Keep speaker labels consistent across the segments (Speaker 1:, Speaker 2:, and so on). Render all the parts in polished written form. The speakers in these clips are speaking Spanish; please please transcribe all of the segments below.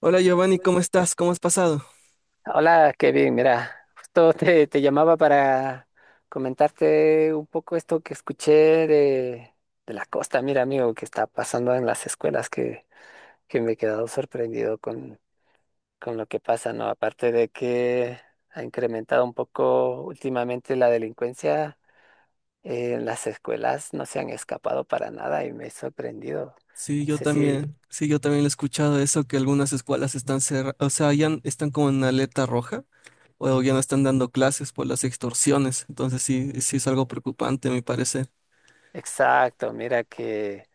Speaker 1: Hola Giovanni, ¿cómo estás? ¿Cómo has pasado?
Speaker 2: Hola, Kevin. Mira, justo te llamaba para comentarte un poco esto que escuché de, de la costa. Mira, amigo, que está pasando en las escuelas, que me he quedado sorprendido con lo que pasa, ¿no? Aparte de que ha incrementado un poco últimamente la delincuencia, en las escuelas no se han escapado para nada y me he sorprendido.
Speaker 1: Sí,
Speaker 2: No
Speaker 1: yo
Speaker 2: sé si...
Speaker 1: también, sí, yo también lo he escuchado eso, que algunas escuelas están cerradas, o sea, ya están como en alerta roja, o ya no están dando clases por las extorsiones, entonces sí, sí es algo preocupante, a mi parecer.
Speaker 2: Exacto, mira que...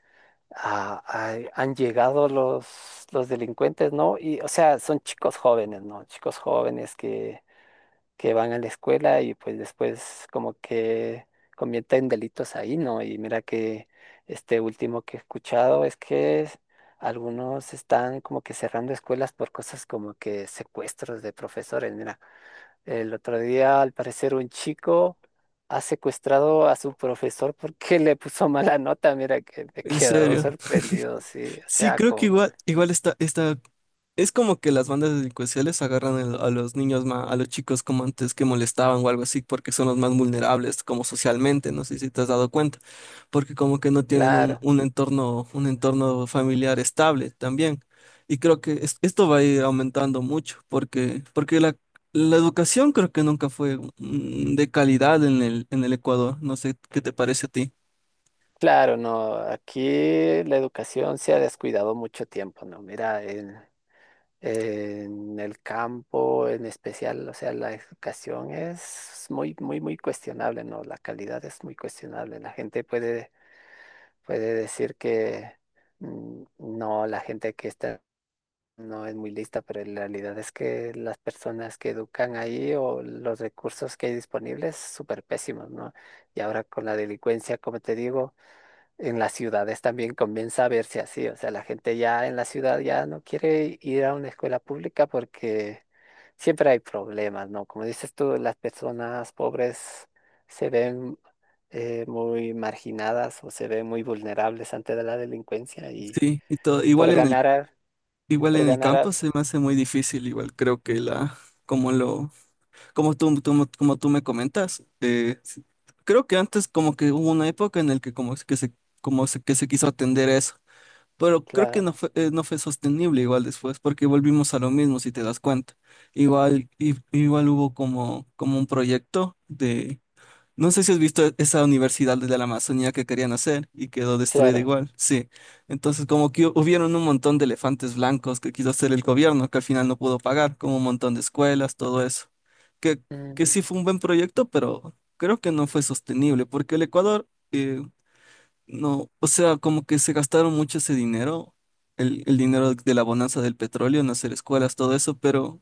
Speaker 2: han llegado los delincuentes, ¿no? Y, o sea, son chicos jóvenes, ¿no? Chicos jóvenes que van a la escuela y pues después como que cometen delitos ahí, ¿no? Y mira que este último que he escuchado es que algunos están como que cerrando escuelas por cosas como que secuestros de profesores, mira. El otro día, al parecer, un chico ha secuestrado a su profesor porque le puso mala nota. Mira que me he
Speaker 1: En
Speaker 2: quedado
Speaker 1: serio.
Speaker 2: sorprendido, sí. O
Speaker 1: Sí,
Speaker 2: sea,
Speaker 1: creo que
Speaker 2: como,
Speaker 1: igual está. Es como que las bandas delincuenciales agarran a los niños más, a los chicos como antes que molestaban o algo así, porque son los más vulnerables como socialmente, no sé si te has dado cuenta, porque como que no tienen
Speaker 2: claro,
Speaker 1: un entorno familiar estable también. Y creo que esto va a ir aumentando mucho, porque, la educación creo que nunca fue de calidad en el Ecuador. No sé qué te parece a ti.
Speaker 2: claro, no. Aquí la educación se ha descuidado mucho tiempo, ¿no? Mira, en el campo en especial, o sea, la educación es muy, muy, muy cuestionable, ¿no? La calidad es muy cuestionable. Puede decir que... no, la gente que está no es muy lista, pero en realidad es que las personas que educan ahí o los recursos que hay disponibles, súper pésimos, ¿no? Y ahora con la delincuencia, como te digo, en las ciudades también comienza a verse así, o sea, la gente ya en la ciudad ya no quiere ir a una escuela pública porque siempre hay problemas, ¿no? Como dices tú, las personas pobres se ven muy marginadas o se ven muy vulnerables ante la delincuencia y
Speaker 1: Sí, y todo, igual
Speaker 2: por
Speaker 1: en el,
Speaker 2: ganar, al-
Speaker 1: igual
Speaker 2: por
Speaker 1: en el
Speaker 2: ganar,
Speaker 1: campo
Speaker 2: al-
Speaker 1: se me hace muy difícil, igual creo que la, como lo Como tú- como tú me comentas, creo que antes como que hubo una época en la que como es que se, como se- que se quiso atender a eso, pero creo que no
Speaker 2: claro.
Speaker 1: fue, eh, no fue sostenible igual después, porque volvimos a lo mismo, si te das cuenta. Igual, igual hubo como un proyecto de, no sé si has visto esa universidad de la Amazonía que querían hacer y quedó destruida
Speaker 2: Claro,
Speaker 1: igual. Sí. Entonces, como que hubieron un montón de elefantes blancos que quiso hacer el gobierno, que al final no pudo pagar, como un montón de escuelas, todo eso. Que, que
Speaker 2: mm,
Speaker 1: sí fue un buen proyecto, pero creo que no fue sostenible, porque el Ecuador, no, o sea, como que se gastaron mucho ese dinero, el dinero de la bonanza del petróleo en hacer escuelas, todo eso,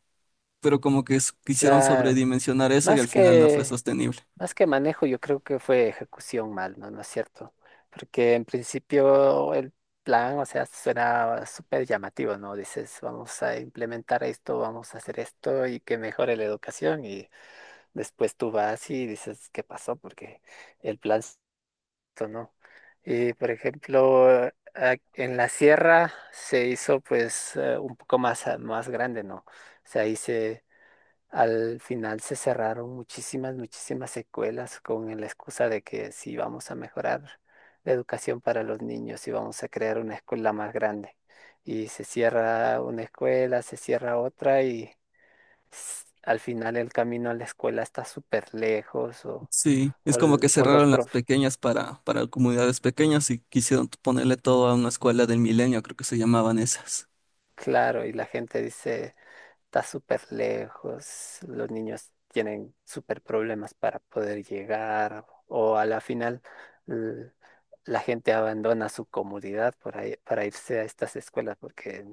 Speaker 1: pero como que quisieron
Speaker 2: claro.
Speaker 1: sobredimensionar eso y al
Speaker 2: Más
Speaker 1: final no fue
Speaker 2: que,
Speaker 1: sostenible.
Speaker 2: más que manejo, yo creo que fue ejecución mal, ¿no? ¿No es cierto? Porque en principio el plan, o sea, suena súper llamativo, ¿no? Dices, vamos a implementar esto, vamos a hacer esto y que mejore la educación. Y después tú vas y dices, ¿qué pasó? Porque el esto no. Y por ejemplo, en la sierra se hizo pues un poco más grande, ¿no? O sea, ahí se... Al final se cerraron muchísimas, muchísimas escuelas con la excusa de que sí vamos a mejorar la educación para los niños y vamos a crear una escuela más grande. Y se cierra una escuela, se cierra otra y al final el camino a la escuela está súper lejos
Speaker 1: Sí, es
Speaker 2: o,
Speaker 1: como
Speaker 2: l-
Speaker 1: que
Speaker 2: o los
Speaker 1: cerraron las
Speaker 2: prof,
Speaker 1: pequeñas para comunidades pequeñas y quisieron ponerle todo a una escuela del milenio, creo que se llamaban esas.
Speaker 2: claro, y la gente dice... Está súper lejos, los niños tienen súper problemas para poder llegar o a la final l- la gente abandona su comunidad para irse a estas escuelas porque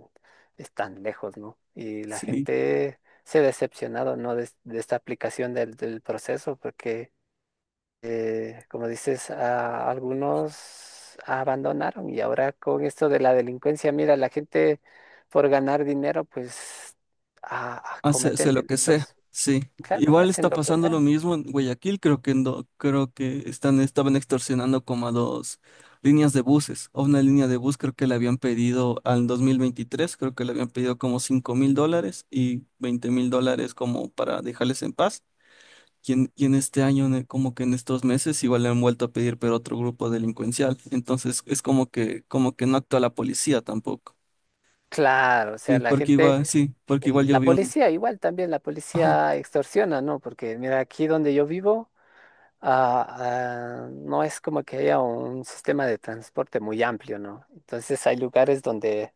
Speaker 2: están lejos, ¿no? Y la
Speaker 1: Sí,
Speaker 2: gente se ha decepcionado, ¿no? De esta aplicación del proceso porque como dices, a algunos abandonaron y ahora con esto de la delincuencia, mira, la gente por ganar dinero, pues
Speaker 1: hace
Speaker 2: cometen
Speaker 1: lo que sea.
Speaker 2: delitos.
Speaker 1: Sí,
Speaker 2: Claro,
Speaker 1: igual está
Speaker 2: hacen lo que
Speaker 1: pasando lo
Speaker 2: sea.
Speaker 1: mismo en Guayaquil, creo que no, creo que estaban extorsionando como a dos líneas de buses. A una línea de bus creo que le habían pedido al 2023, creo que le habían pedido como $5.000 y $20.000 como para dejarles en paz. Quien este año, como que en estos meses, igual le han vuelto a pedir, pero otro grupo delincuencial. Entonces es como que no actúa la policía tampoco.
Speaker 2: Claro, o sea, la gente,
Speaker 1: Sí, porque igual yo
Speaker 2: la
Speaker 1: vi un.
Speaker 2: policía igual también, la
Speaker 1: Ajá,
Speaker 2: policía extorsiona, ¿no? Porque mira, aquí donde yo vivo, no es como que haya un sistema de transporte muy amplio, ¿no? Entonces hay lugares donde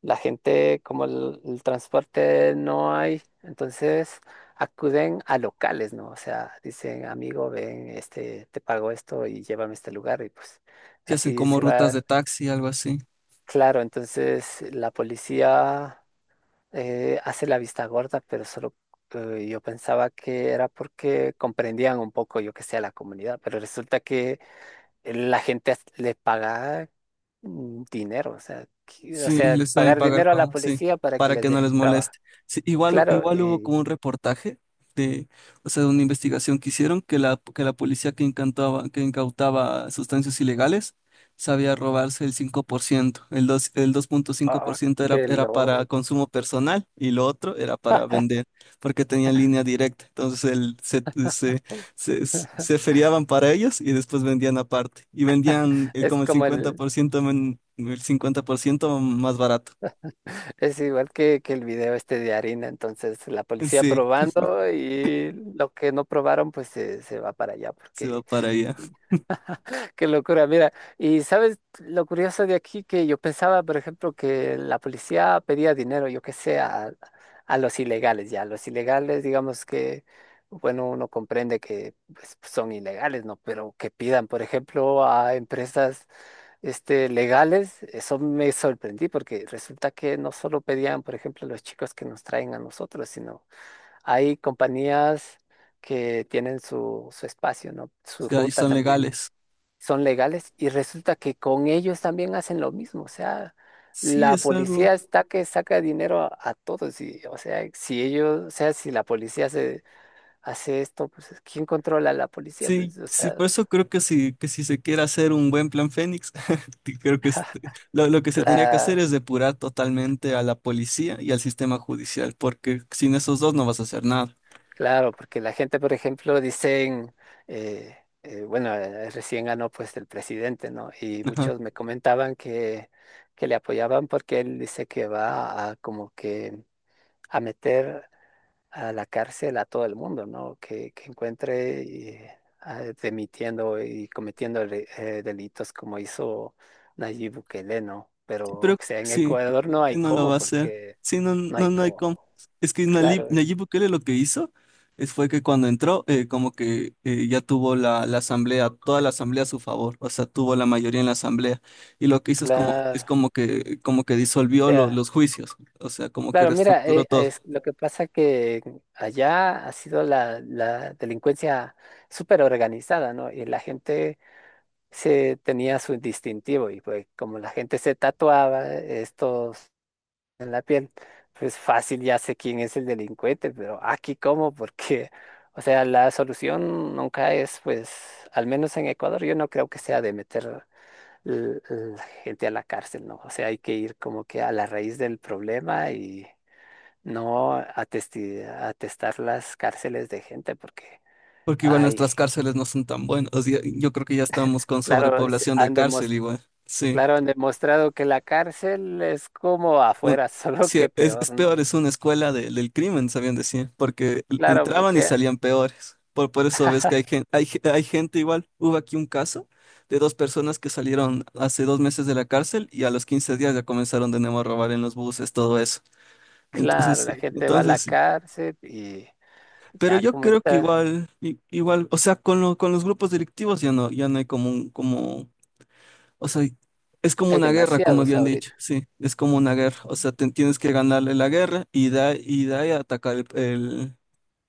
Speaker 2: la gente, como el transporte no hay, entonces acuden a locales, ¿no? O sea, dicen, amigo, ven, este, te pago esto y llévame a este lugar y pues
Speaker 1: que hacen
Speaker 2: así
Speaker 1: como
Speaker 2: se
Speaker 1: rutas
Speaker 2: va.
Speaker 1: de taxi, algo así.
Speaker 2: Claro, entonces la policía hace la vista gorda, pero solo yo pensaba que era porque comprendían un poco, yo que sé, a la comunidad, pero resulta que la gente le paga dinero, o sea, o
Speaker 1: Sí,
Speaker 2: sea,
Speaker 1: les saben
Speaker 2: pagar
Speaker 1: pagar
Speaker 2: dinero a la
Speaker 1: como, sí,
Speaker 2: policía para que
Speaker 1: para
Speaker 2: les
Speaker 1: que no
Speaker 2: deje
Speaker 1: les
Speaker 2: trabajar.
Speaker 1: moleste. Sí, igual,
Speaker 2: Claro,
Speaker 1: igual hubo
Speaker 2: y
Speaker 1: como un reportaje de, o sea, de una investigación que hicieron que la policía que incautaba sustancias ilegales sabía robarse el 5%. El dos punto cinco por
Speaker 2: ah,
Speaker 1: ciento era,
Speaker 2: qué
Speaker 1: era para
Speaker 2: loco.
Speaker 1: consumo personal y lo otro era para vender, porque tenía línea directa. Entonces se feriaban para ellos y después vendían aparte. Y vendían
Speaker 2: Es
Speaker 1: como el
Speaker 2: como el,
Speaker 1: 50%, el 50% más barato.
Speaker 2: es igual que el video este de harina, entonces la policía
Speaker 1: Sí,
Speaker 2: probando y lo que no probaron pues se va para allá
Speaker 1: se va
Speaker 2: porque
Speaker 1: para allá.
Speaker 2: qué locura, mira, y sabes lo curioso de aquí que yo pensaba, por ejemplo, que la policía pedía dinero, yo qué sé, a los ilegales, ya, los ilegales, digamos que, bueno, uno comprende que pues, son ilegales, ¿no? Pero que pidan, por ejemplo, a empresas este, legales, eso me sorprendí porque resulta que no solo pedían, por ejemplo, los chicos que nos traen a nosotros, sino hay compañías que tienen su espacio, ¿no?
Speaker 1: O
Speaker 2: Su
Speaker 1: sea, y
Speaker 2: ruta
Speaker 1: son
Speaker 2: también
Speaker 1: legales.
Speaker 2: son legales y resulta que con ellos también hacen lo mismo. O sea,
Speaker 1: Sí,
Speaker 2: la
Speaker 1: es algo.
Speaker 2: policía está que saca dinero a todos y, o sea, si ellos, o sea, si la policía hace esto, pues ¿quién controla a la policía?
Speaker 1: Sí,
Speaker 2: Pues, o
Speaker 1: sí,
Speaker 2: sea,
Speaker 1: por eso creo que si, se quiere hacer un buen plan Fénix, que creo que lo que se tendría que hacer
Speaker 2: cla-
Speaker 1: es depurar totalmente a la policía y al sistema judicial, porque sin esos dos no vas a hacer nada.
Speaker 2: claro, porque la gente, por ejemplo, dicen, eh, bueno, recién ganó pues el presidente, ¿no? Y
Speaker 1: Ajá.
Speaker 2: muchos me comentaban que le apoyaban porque él dice que va a como que a meter a la cárcel a todo el mundo, ¿no? Que encuentre demitiendo y cometiendo delitos como hizo Nayib Bukele, ¿no? Pero,
Speaker 1: Sí, pero
Speaker 2: o sea, en
Speaker 1: sí,
Speaker 2: Ecuador no
Speaker 1: sí
Speaker 2: hay
Speaker 1: no lo
Speaker 2: cómo,
Speaker 1: va a hacer.
Speaker 2: porque
Speaker 1: Sí, no,
Speaker 2: no hay
Speaker 1: no, no hay cómo.
Speaker 2: cómo.
Speaker 1: Es que Nayib,
Speaker 2: Claro,
Speaker 1: Nayib Bukele lo que hizo es fue que cuando entró, como que ya tuvo la asamblea, toda la asamblea a su favor, o sea, tuvo la mayoría en la asamblea. Y lo que hizo es como, es
Speaker 2: claro. O
Speaker 1: como que, como que disolvió
Speaker 2: sea,
Speaker 1: los juicios, o sea, como que
Speaker 2: claro, mira,
Speaker 1: reestructuró
Speaker 2: es,
Speaker 1: todo.
Speaker 2: lo que pasa que allá ha sido la delincuencia súper organizada, ¿no? Y la gente se tenía su distintivo y pues como la gente se tatuaba estos en la piel, pues fácil ya sé quién es el delincuente, pero aquí cómo, porque, o sea, la solución nunca es, pues, al menos en Ecuador, yo no creo que sea de meter la gente a la cárcel, ¿no? O sea, hay que ir como que a la raíz del problema y no atestar las cárceles de gente, porque,
Speaker 1: Porque igual
Speaker 2: ay,
Speaker 1: nuestras cárceles no son tan buenas. O sea, yo creo que ya estamos con
Speaker 2: claro,
Speaker 1: sobrepoblación de
Speaker 2: han
Speaker 1: cárcel
Speaker 2: demostrado
Speaker 1: igual. Sí.
Speaker 2: claro, han demostrado que la cárcel es como
Speaker 1: un-
Speaker 2: afuera, solo
Speaker 1: sí,
Speaker 2: que
Speaker 1: es,
Speaker 2: peor,
Speaker 1: es
Speaker 2: ¿no?
Speaker 1: peor, es una escuela del crimen, sabían decir, porque
Speaker 2: Claro,
Speaker 1: entraban y
Speaker 2: porque,
Speaker 1: salían peores. Por eso ves que hay gente igual. Hubo aquí un caso de dos personas que salieron hace 2 meses de la cárcel y a los 15 días ya comenzaron de nuevo a robar en los buses, todo eso. Entonces
Speaker 2: claro, la
Speaker 1: sí,
Speaker 2: gente va a la
Speaker 1: entonces sí.
Speaker 2: cárcel y
Speaker 1: Pero
Speaker 2: ya
Speaker 1: yo
Speaker 2: como
Speaker 1: creo que
Speaker 2: está,
Speaker 1: igual, o sea, con los grupos delictivos ya no, ya no hay como o sea, es como
Speaker 2: hay
Speaker 1: una guerra, como
Speaker 2: demasiados
Speaker 1: habían dicho,
Speaker 2: ahorita,
Speaker 1: sí, es como una guerra. O sea, tienes que ganarle la guerra y da y da y atacar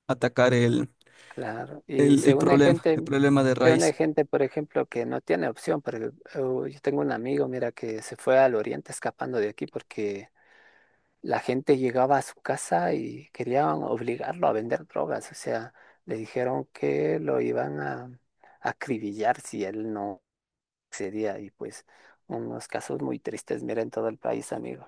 Speaker 1: atacar el,
Speaker 2: claro. Y
Speaker 1: el, el problema, el problema, de
Speaker 2: se une
Speaker 1: raíz.
Speaker 2: gente, por ejemplo, que no tiene opción, porque yo tengo un amigo, mira, que se fue al oriente escapando de aquí porque la gente llegaba a su casa y querían obligarlo a vender drogas, o sea, le dijeron que lo iban a acribillar si él no sería y pues unos casos muy tristes, mira, en todo el país, amigo.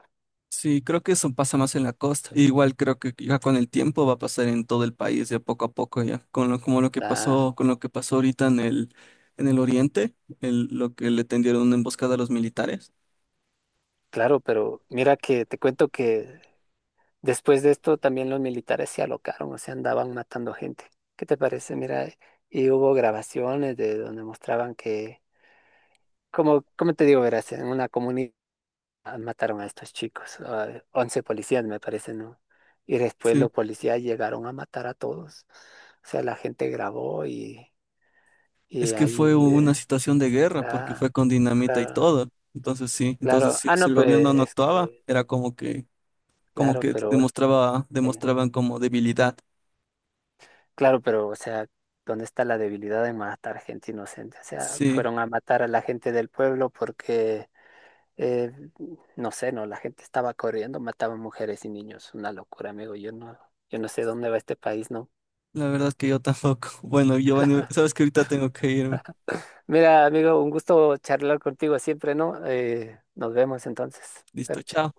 Speaker 1: Sí, creo que eso pasa más en la costa. Igual creo que ya con el tiempo va a pasar en todo el país, ya poco a poco,
Speaker 2: La...
Speaker 1: con lo que pasó ahorita en el oriente, el, lo que le tendieron una emboscada a los militares.
Speaker 2: Claro, pero mira que te cuento que después de esto también los militares se alocaron, o sea, andaban matando gente. ¿Qué te parece? Mira, y hubo grabaciones de donde mostraban que, como, como te digo, verás, en una comunidad mataron a estos chicos, a 11 policías me parece, ¿no? Y después
Speaker 1: Sí.
Speaker 2: los policías llegaron a matar a todos. O sea, la gente grabó
Speaker 1: Es
Speaker 2: y
Speaker 1: que fue
Speaker 2: ahí,
Speaker 1: una situación de guerra porque fue
Speaker 2: la-
Speaker 1: con dinamita y
Speaker 2: claro.
Speaker 1: todo. Entonces sí, entonces
Speaker 2: Claro,
Speaker 1: si, si
Speaker 2: no,
Speaker 1: el
Speaker 2: pues
Speaker 1: gobierno no
Speaker 2: es
Speaker 1: actuaba,
Speaker 2: que,
Speaker 1: era como que,
Speaker 2: claro, pero, eh,
Speaker 1: demostraban como debilidad.
Speaker 2: claro, pero, o sea, ¿dónde está la debilidad de matar gente inocente? O sea,
Speaker 1: Sí,
Speaker 2: fueron a matar a la gente del pueblo porque, eh, no sé, no, la gente estaba corriendo, mataban mujeres y niños, una locura, amigo, yo no sé dónde va este país, ¿no?
Speaker 1: la verdad es que yo tampoco. Bueno, Giovanni, sabes que ahorita tengo que irme.
Speaker 2: Mira, amigo, un gusto charlar contigo siempre, ¿no? Nos vemos entonces,
Speaker 1: Listo,
Speaker 2: suerte.
Speaker 1: chao.